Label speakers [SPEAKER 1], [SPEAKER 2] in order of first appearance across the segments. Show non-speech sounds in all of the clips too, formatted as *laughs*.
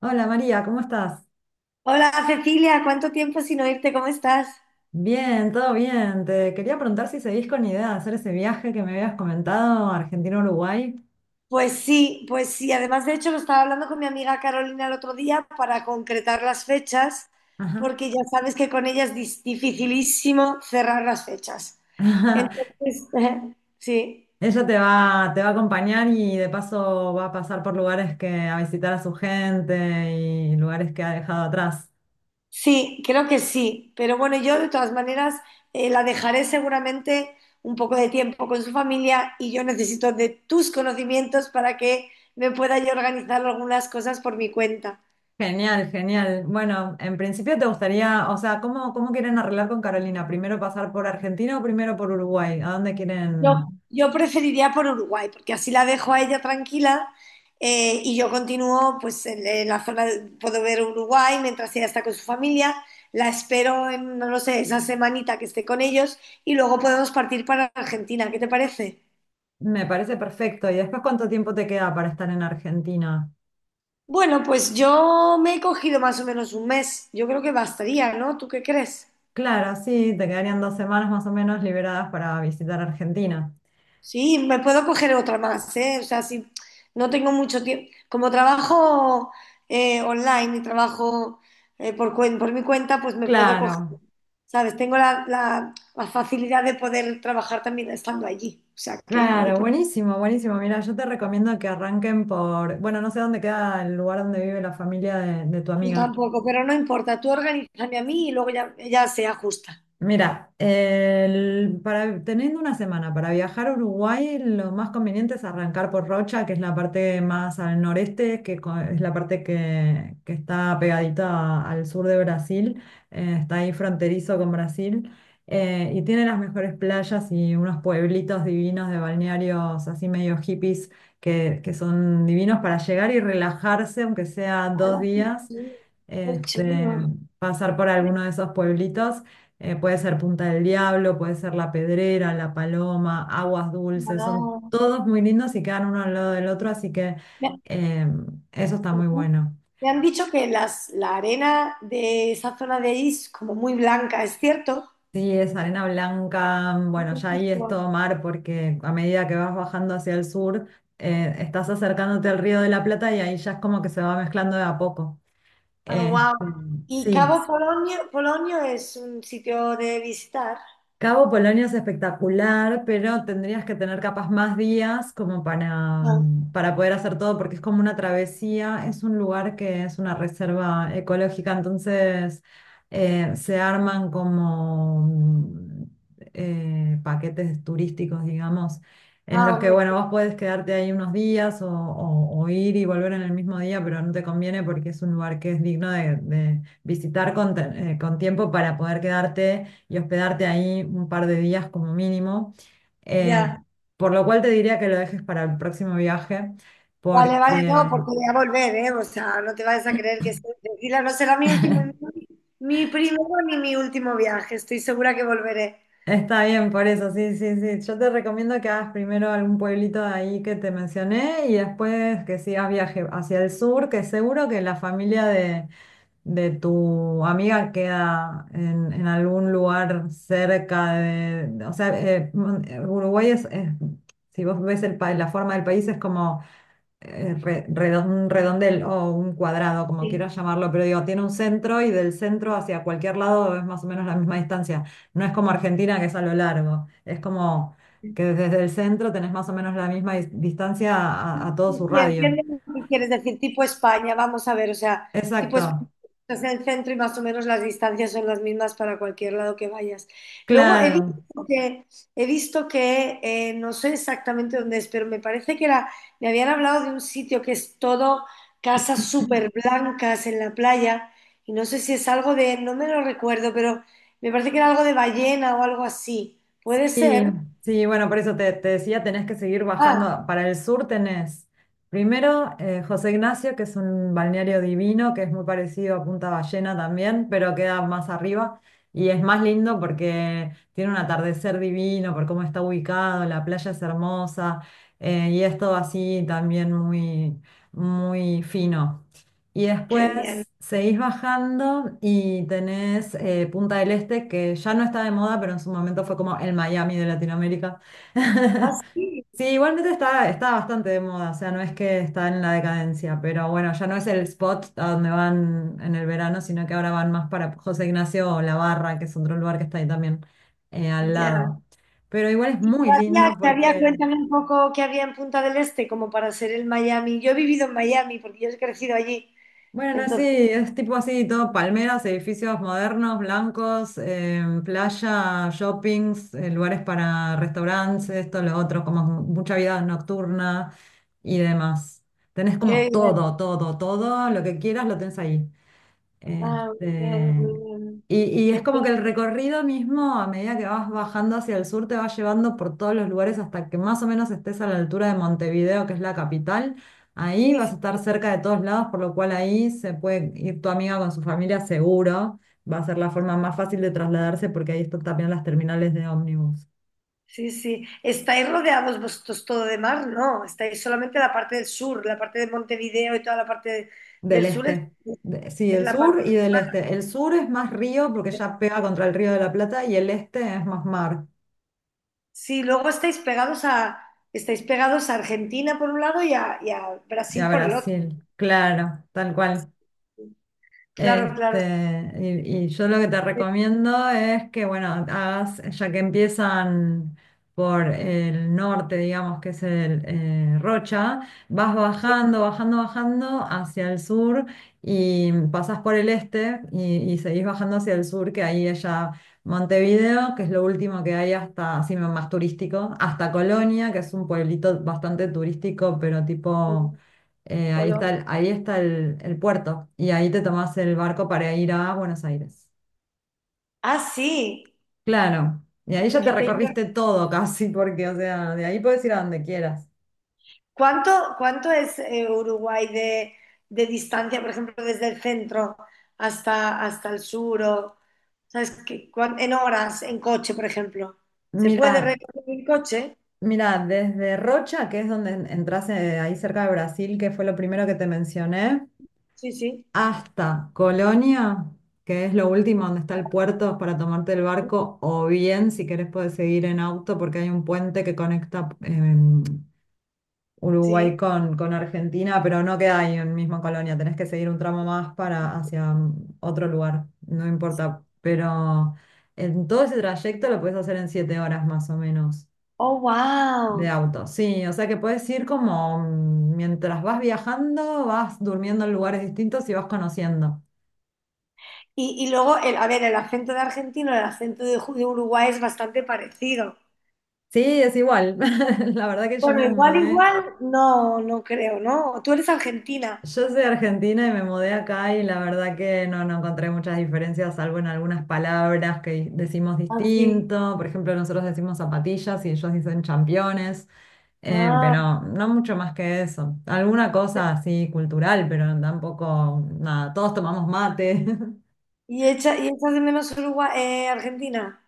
[SPEAKER 1] Hola María, ¿cómo estás?
[SPEAKER 2] Hola Cecilia, ¿cuánto tiempo sin oírte? ¿Cómo estás?
[SPEAKER 1] Bien, todo bien. Te quería preguntar si seguís con idea de hacer ese viaje que me habías comentado, Argentina-Uruguay.
[SPEAKER 2] Pues sí, pues sí. Además, de hecho, lo estaba hablando con mi amiga Carolina el otro día para concretar las fechas,
[SPEAKER 1] Ajá.
[SPEAKER 2] porque ya sabes que con ella es dificilísimo cerrar las fechas.
[SPEAKER 1] *laughs*
[SPEAKER 2] Entonces, *laughs* sí,
[SPEAKER 1] Ella te va a acompañar y de paso va a pasar por lugares que a visitar a su gente y lugares que ha dejado atrás.
[SPEAKER 2] sí, creo que sí. Pero bueno, yo de todas maneras la dejaré seguramente un poco de tiempo con su familia y yo necesito de tus conocimientos para que me pueda yo organizar algunas cosas por mi cuenta.
[SPEAKER 1] Genial, genial. Bueno, en principio te gustaría, o sea, ¿cómo quieren arreglar con Carolina? ¿Primero pasar por Argentina o primero por Uruguay? ¿A dónde
[SPEAKER 2] Yo,
[SPEAKER 1] quieren?
[SPEAKER 2] yo preferiría por Uruguay, porque así la dejo a ella tranquila y yo continúo pues en la zona, puedo ver Uruguay mientras ella está con su familia, la espero en, no lo sé, esa semanita que esté con ellos y luego podemos partir para Argentina, ¿qué te parece?
[SPEAKER 1] Me parece perfecto. ¿Y después cuánto tiempo te queda para estar en Argentina?
[SPEAKER 2] Bueno, pues yo me he cogido más o menos un mes, yo creo que bastaría, ¿no? ¿Tú qué crees?
[SPEAKER 1] Claro, sí, te quedarían 2 semanas más o menos liberadas para visitar Argentina.
[SPEAKER 2] Sí, me puedo coger otra más, ¿eh? O sea, si no tengo mucho tiempo. Como trabajo online y trabajo por, por mi cuenta, pues me puedo coger,
[SPEAKER 1] Claro,
[SPEAKER 2] ¿sabes? Tengo la, la facilidad de poder trabajar también estando allí. O sea, que no hay
[SPEAKER 1] claro,
[SPEAKER 2] problema.
[SPEAKER 1] buenísimo, buenísimo. Mira, yo te recomiendo que arranquen por, bueno, no sé dónde queda el lugar donde vive la familia de tu
[SPEAKER 2] Yo
[SPEAKER 1] amiga.
[SPEAKER 2] tampoco, pero no importa. Tú organízame a mí y luego ya, ya se ajusta.
[SPEAKER 1] Mira, para, teniendo una semana para viajar a Uruguay, lo más conveniente es arrancar por Rocha, que es la parte más al noreste, que es la parte que está pegadita al sur de Brasil, está ahí fronterizo con Brasil. Y tiene las mejores playas y unos pueblitos divinos de balnearios así medio hippies que son divinos para llegar y relajarse, aunque sea
[SPEAKER 2] Ala,
[SPEAKER 1] 2 días,
[SPEAKER 2] qué
[SPEAKER 1] este,
[SPEAKER 2] chulo.
[SPEAKER 1] pasar por alguno de esos pueblitos. Puede ser Punta del Diablo, puede ser La Pedrera, La Paloma, Aguas Dulces, son todos muy lindos y quedan uno al lado del otro, así que
[SPEAKER 2] Ah.
[SPEAKER 1] eh, eso está muy
[SPEAKER 2] Ujú.
[SPEAKER 1] bueno.
[SPEAKER 2] Me han dicho que las, la arena de esa zona de ahí es como muy blanca, ¿es cierto?
[SPEAKER 1] Sí, es arena blanca, bueno, ya
[SPEAKER 2] Sí.
[SPEAKER 1] ahí es todo mar porque a medida que vas bajando hacia el sur, estás acercándote al Río de la Plata y ahí ya es como que se va mezclando de a poco.
[SPEAKER 2] Ah,
[SPEAKER 1] Este,
[SPEAKER 2] wow. ¿Y
[SPEAKER 1] sí.
[SPEAKER 2] Cabo Polonio, Polonio es un sitio de visitar?
[SPEAKER 1] Cabo Polonio es espectacular, pero tendrías que tener capaz más días como para,
[SPEAKER 2] Ah,
[SPEAKER 1] para poder hacer todo, porque es como una travesía, es un lugar que es una reserva ecológica. Entonces se arman como, paquetes turísticos, digamos, en
[SPEAKER 2] ah,
[SPEAKER 1] los que,
[SPEAKER 2] hombre,
[SPEAKER 1] bueno, vos podés quedarte ahí unos días o ir y volver en el mismo día, pero no te conviene porque es un lugar que es digno de visitar con, con tiempo para poder quedarte y hospedarte ahí un par de días como mínimo. Eh,
[SPEAKER 2] ya.
[SPEAKER 1] por lo cual te diría que lo dejes para el próximo viaje,
[SPEAKER 2] Vale, vale, no,
[SPEAKER 1] porque
[SPEAKER 2] porque voy a volver, ¿eh? O sea, no te vayas a creer que estoy tranquila. No será mi último, mi primero ni mi último viaje. Estoy segura que volveré.
[SPEAKER 1] está bien, por eso, sí, sí, sí. Yo te recomiendo que hagas primero algún pueblito de ahí que te mencioné y después que sigas viaje hacia el sur, que seguro que la familia de tu amiga queda en algún lugar cerca de, o sea, Uruguay es, si vos ves la forma del país, es como un redondel o un cuadrado, como
[SPEAKER 2] Sí.
[SPEAKER 1] quieras llamarlo, pero digo, tiene un centro y del centro hacia cualquier lado es más o menos la misma distancia. No es como Argentina que es a lo largo, es como que desde el centro tenés más o menos la misma distancia a todo
[SPEAKER 2] Sí,
[SPEAKER 1] su
[SPEAKER 2] sí,
[SPEAKER 1] radio.
[SPEAKER 2] entiendo lo que quieres decir, tipo España, vamos a ver, o sea, tipo
[SPEAKER 1] Exacto,
[SPEAKER 2] España, estás en el centro y más o menos las distancias son las mismas para cualquier lado que vayas. Luego
[SPEAKER 1] claro.
[SPEAKER 2] he visto que no sé exactamente dónde es, pero me parece que era, me habían hablado de un sitio que es todo casas súper blancas en la playa, y no sé si es algo de, no me lo recuerdo, pero me parece que era algo de ballena o algo así. ¿Puede
[SPEAKER 1] Sí,
[SPEAKER 2] ser?
[SPEAKER 1] sí, bueno, por eso te decía, tenés que seguir bajando.
[SPEAKER 2] Ah,
[SPEAKER 1] Para el sur tenés primero José Ignacio, que es un balneario divino, que es muy parecido a Punta Ballena también, pero queda más arriba y es más lindo porque tiene un atardecer divino, por cómo está ubicado, la playa es hermosa. Y es todo así también muy, muy fino. Y
[SPEAKER 2] qué bien.
[SPEAKER 1] después seguís bajando y tenés Punta del Este, que ya no está de moda, pero en su momento fue como el Miami de Latinoamérica.
[SPEAKER 2] Ah,
[SPEAKER 1] *laughs*
[SPEAKER 2] sí,
[SPEAKER 1] Sí, igualmente está bastante de moda, o sea, no es que está en la decadencia, pero bueno, ya no es el spot a donde van en el verano, sino que ahora van más para José Ignacio o La Barra, que es otro lugar que está ahí también, al
[SPEAKER 2] ya.
[SPEAKER 1] lado. Pero igual es
[SPEAKER 2] ¿Y qué
[SPEAKER 1] muy
[SPEAKER 2] había,
[SPEAKER 1] lindo
[SPEAKER 2] qué había?
[SPEAKER 1] porque...
[SPEAKER 2] Cuéntame un poco qué había en Punta del Este, como para ser el Miami. Yo he vivido en Miami porque yo he crecido allí.
[SPEAKER 1] Bueno, sí,
[SPEAKER 2] Entonces,
[SPEAKER 1] es tipo así, todo palmeras, edificios modernos, blancos, playa, shoppings, lugares para restaurantes, esto, lo otro, como mucha vida nocturna y demás. Tenés como
[SPEAKER 2] qué bien.
[SPEAKER 1] todo, todo, todo, lo que quieras lo tenés ahí.
[SPEAKER 2] Ah, muy bien, muy
[SPEAKER 1] Este,
[SPEAKER 2] bien.
[SPEAKER 1] y
[SPEAKER 2] Qué
[SPEAKER 1] es como
[SPEAKER 2] bien.
[SPEAKER 1] que el recorrido mismo, a medida que vas bajando hacia el sur, te va llevando por todos los lugares hasta que más o menos estés a la altura de Montevideo, que es la capital. Ahí
[SPEAKER 2] Sí,
[SPEAKER 1] vas a
[SPEAKER 2] sí,
[SPEAKER 1] estar cerca de todos lados, por lo cual ahí se puede ir tu amiga con su familia seguro. Va a ser la forma más fácil de trasladarse porque ahí están también las terminales de ómnibus
[SPEAKER 2] sí, sí. ¿Estáis rodeados vosotros todo de mar? No, estáis solamente la parte del sur, la parte de Montevideo y toda la parte de- del
[SPEAKER 1] del
[SPEAKER 2] sur
[SPEAKER 1] este. Sí,
[SPEAKER 2] es
[SPEAKER 1] el
[SPEAKER 2] la
[SPEAKER 1] sur
[SPEAKER 2] parte
[SPEAKER 1] y
[SPEAKER 2] del
[SPEAKER 1] del
[SPEAKER 2] mar.
[SPEAKER 1] este. El sur es más río porque ya pega contra el Río de la Plata y el este es más mar.
[SPEAKER 2] Sí, luego estáis pegados a Argentina por un lado y a
[SPEAKER 1] Y a
[SPEAKER 2] Brasil por el otro.
[SPEAKER 1] Brasil, claro, tal cual.
[SPEAKER 2] Claro, claro.
[SPEAKER 1] Y yo lo que te
[SPEAKER 2] Sí,
[SPEAKER 1] recomiendo es que, bueno, hagas, ya que empiezan por el norte, digamos, que es el Rocha, vas
[SPEAKER 2] sí.
[SPEAKER 1] bajando, bajando, bajando hacia el sur y pasas por el este y seguís bajando hacia el sur, que ahí es ya Montevideo, que es lo último que hay hasta, así más turístico, hasta Colonia, que es un pueblito bastante turístico, pero
[SPEAKER 2] Sí.
[SPEAKER 1] tipo ahí
[SPEAKER 2] Colombia.
[SPEAKER 1] está el, ahí está el, el puerto y ahí te tomás el barco para ir a Buenos Aires.
[SPEAKER 2] Ah, sí.
[SPEAKER 1] Claro, y ahí
[SPEAKER 2] Es
[SPEAKER 1] ya te
[SPEAKER 2] que te-
[SPEAKER 1] recorriste todo casi, porque, o sea, de ahí puedes ir a donde quieras.
[SPEAKER 2] ¿Cuánto, cuánto es Uruguay de distancia, por ejemplo, desde el centro hasta, hasta el sur? O, ¿sabes qué? ¿Cuán- En horas, en coche, por ejemplo. ¿Se puede
[SPEAKER 1] Mira,
[SPEAKER 2] recorrer en coche?
[SPEAKER 1] mira, desde Rocha, que es donde entras ahí cerca de Brasil, que fue lo primero que te mencioné,
[SPEAKER 2] Sí, sí.
[SPEAKER 1] hasta Colonia, que es lo último donde está el puerto para tomarte el barco, o bien, si querés, puedes seguir en auto porque hay un puente que conecta Uruguay
[SPEAKER 2] Sí.
[SPEAKER 1] con Argentina, pero no queda ahí en misma colonia, tenés que seguir un tramo más para hacia otro lugar, no importa, pero en todo ese trayecto lo puedes hacer en 7 horas más o menos
[SPEAKER 2] Oh,
[SPEAKER 1] de
[SPEAKER 2] wow.
[SPEAKER 1] auto. Sí, o sea que puedes ir como mientras vas viajando, vas durmiendo en lugares distintos y vas conociendo.
[SPEAKER 2] Y luego, el, a ver, el acento de argentino, el acento de, de Uruguay es bastante parecido.
[SPEAKER 1] Sí, es igual. *laughs* La verdad que yo
[SPEAKER 2] Bueno,
[SPEAKER 1] me
[SPEAKER 2] igual,
[SPEAKER 1] mudé.
[SPEAKER 2] igual, no, no creo, ¿no? Tú eres argentina.
[SPEAKER 1] Yo soy argentina y me mudé acá y la verdad que no, no encontré muchas diferencias, salvo en algunas palabras que decimos
[SPEAKER 2] Ah, sí.
[SPEAKER 1] distinto. Por ejemplo, nosotros decimos zapatillas y ellos dicen championes,
[SPEAKER 2] Ah.
[SPEAKER 1] pero no mucho más que eso. Alguna cosa así cultural, pero tampoco nada. Todos tomamos mate. *laughs*
[SPEAKER 2] ¿Y y echas de menos Uruguay, Argentina?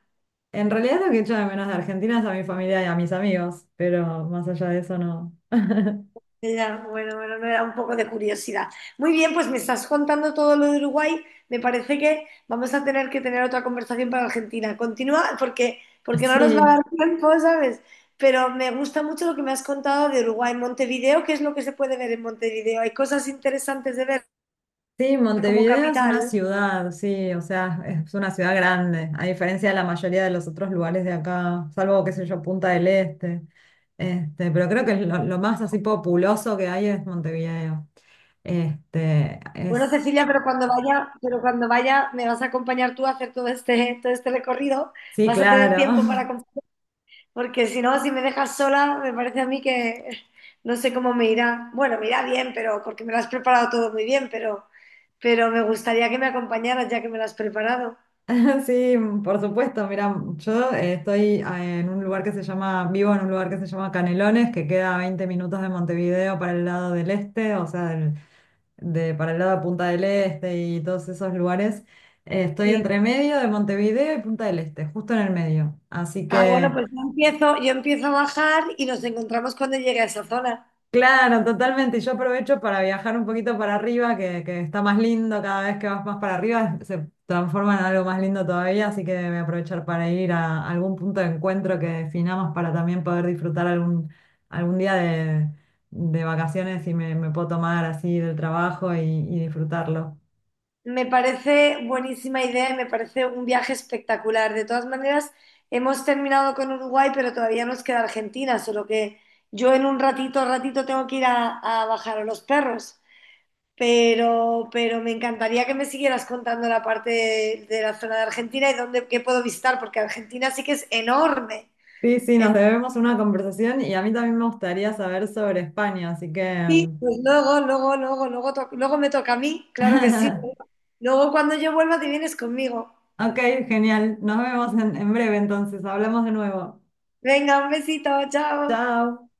[SPEAKER 1] En realidad lo que echo de menos de Argentina es a mi familia y a mis amigos, pero más allá de eso no. *laughs*
[SPEAKER 2] Ya, bueno, bueno, no era un poco de curiosidad. Muy bien, pues me estás contando todo lo de Uruguay. Me parece que vamos a tener que tener otra conversación para Argentina. Continúa porque, porque no nos va a
[SPEAKER 1] Sí.
[SPEAKER 2] dar tiempo, ¿sabes? Pero me gusta mucho lo que me has contado de Uruguay. Montevideo, ¿qué es lo que se puede ver en Montevideo? ¿Hay cosas interesantes de ver
[SPEAKER 1] Sí,
[SPEAKER 2] como
[SPEAKER 1] Montevideo es una
[SPEAKER 2] capital?
[SPEAKER 1] ciudad, sí, o sea, es una ciudad grande, a diferencia de la mayoría de los otros lugares de acá, salvo, qué sé yo, Punta del Este. Pero creo que es lo más así populoso que hay es Montevideo. Este,
[SPEAKER 2] Bueno,
[SPEAKER 1] es,
[SPEAKER 2] Cecilia, pero cuando vaya, me vas a acompañar tú a hacer todo este recorrido.
[SPEAKER 1] sí,
[SPEAKER 2] Vas a tener
[SPEAKER 1] claro.
[SPEAKER 2] tiempo para.
[SPEAKER 1] *laughs*
[SPEAKER 2] Porque si no, si me dejas sola, me parece a mí que no sé cómo me irá. Bueno, me irá bien, pero porque me lo has preparado todo muy bien, pero me gustaría que me acompañaras ya que me lo has preparado.
[SPEAKER 1] Sí, por supuesto, mira, yo estoy en un lugar que se llama, vivo en un lugar que se llama Canelones, que queda a 20 minutos de Montevideo para el lado del este, o sea, para el lado de Punta del Este y todos esos lugares. Estoy
[SPEAKER 2] Sí.
[SPEAKER 1] entre medio de Montevideo y Punta del Este, justo en el medio. Así
[SPEAKER 2] Ah, bueno,
[SPEAKER 1] que,
[SPEAKER 2] pues yo empiezo a bajar y nos encontramos cuando llegue a esa zona.
[SPEAKER 1] claro, totalmente. Y yo aprovecho para viajar un poquito para arriba, que está más lindo cada vez que vas más para arriba, se transforma en algo más lindo todavía. Así que voy a aprovechar para ir a algún punto de encuentro que definamos para también poder disfrutar algún día de vacaciones y me puedo tomar así del trabajo y disfrutarlo.
[SPEAKER 2] Me parece buenísima idea y me parece un viaje espectacular. De todas maneras, hemos terminado con Uruguay, pero todavía nos queda Argentina, solo que yo en un ratito, ratito tengo que ir a bajar a los perros. Pero me encantaría que me siguieras contando la parte de la zona de Argentina y dónde, qué puedo visitar, porque Argentina sí que es enorme.
[SPEAKER 1] Sí, sí, nos
[SPEAKER 2] Entonces,
[SPEAKER 1] debemos una conversación y a mí también me gustaría saber sobre España, así que...
[SPEAKER 2] sí, pues luego, luego, luego, luego, luego me toca a mí, claro que sí.
[SPEAKER 1] *laughs*
[SPEAKER 2] Luego cuando yo vuelva te vienes conmigo.
[SPEAKER 1] Ok, genial. Nos vemos en breve entonces. Hablamos de nuevo.
[SPEAKER 2] Venga, un besito, chao.
[SPEAKER 1] Chao.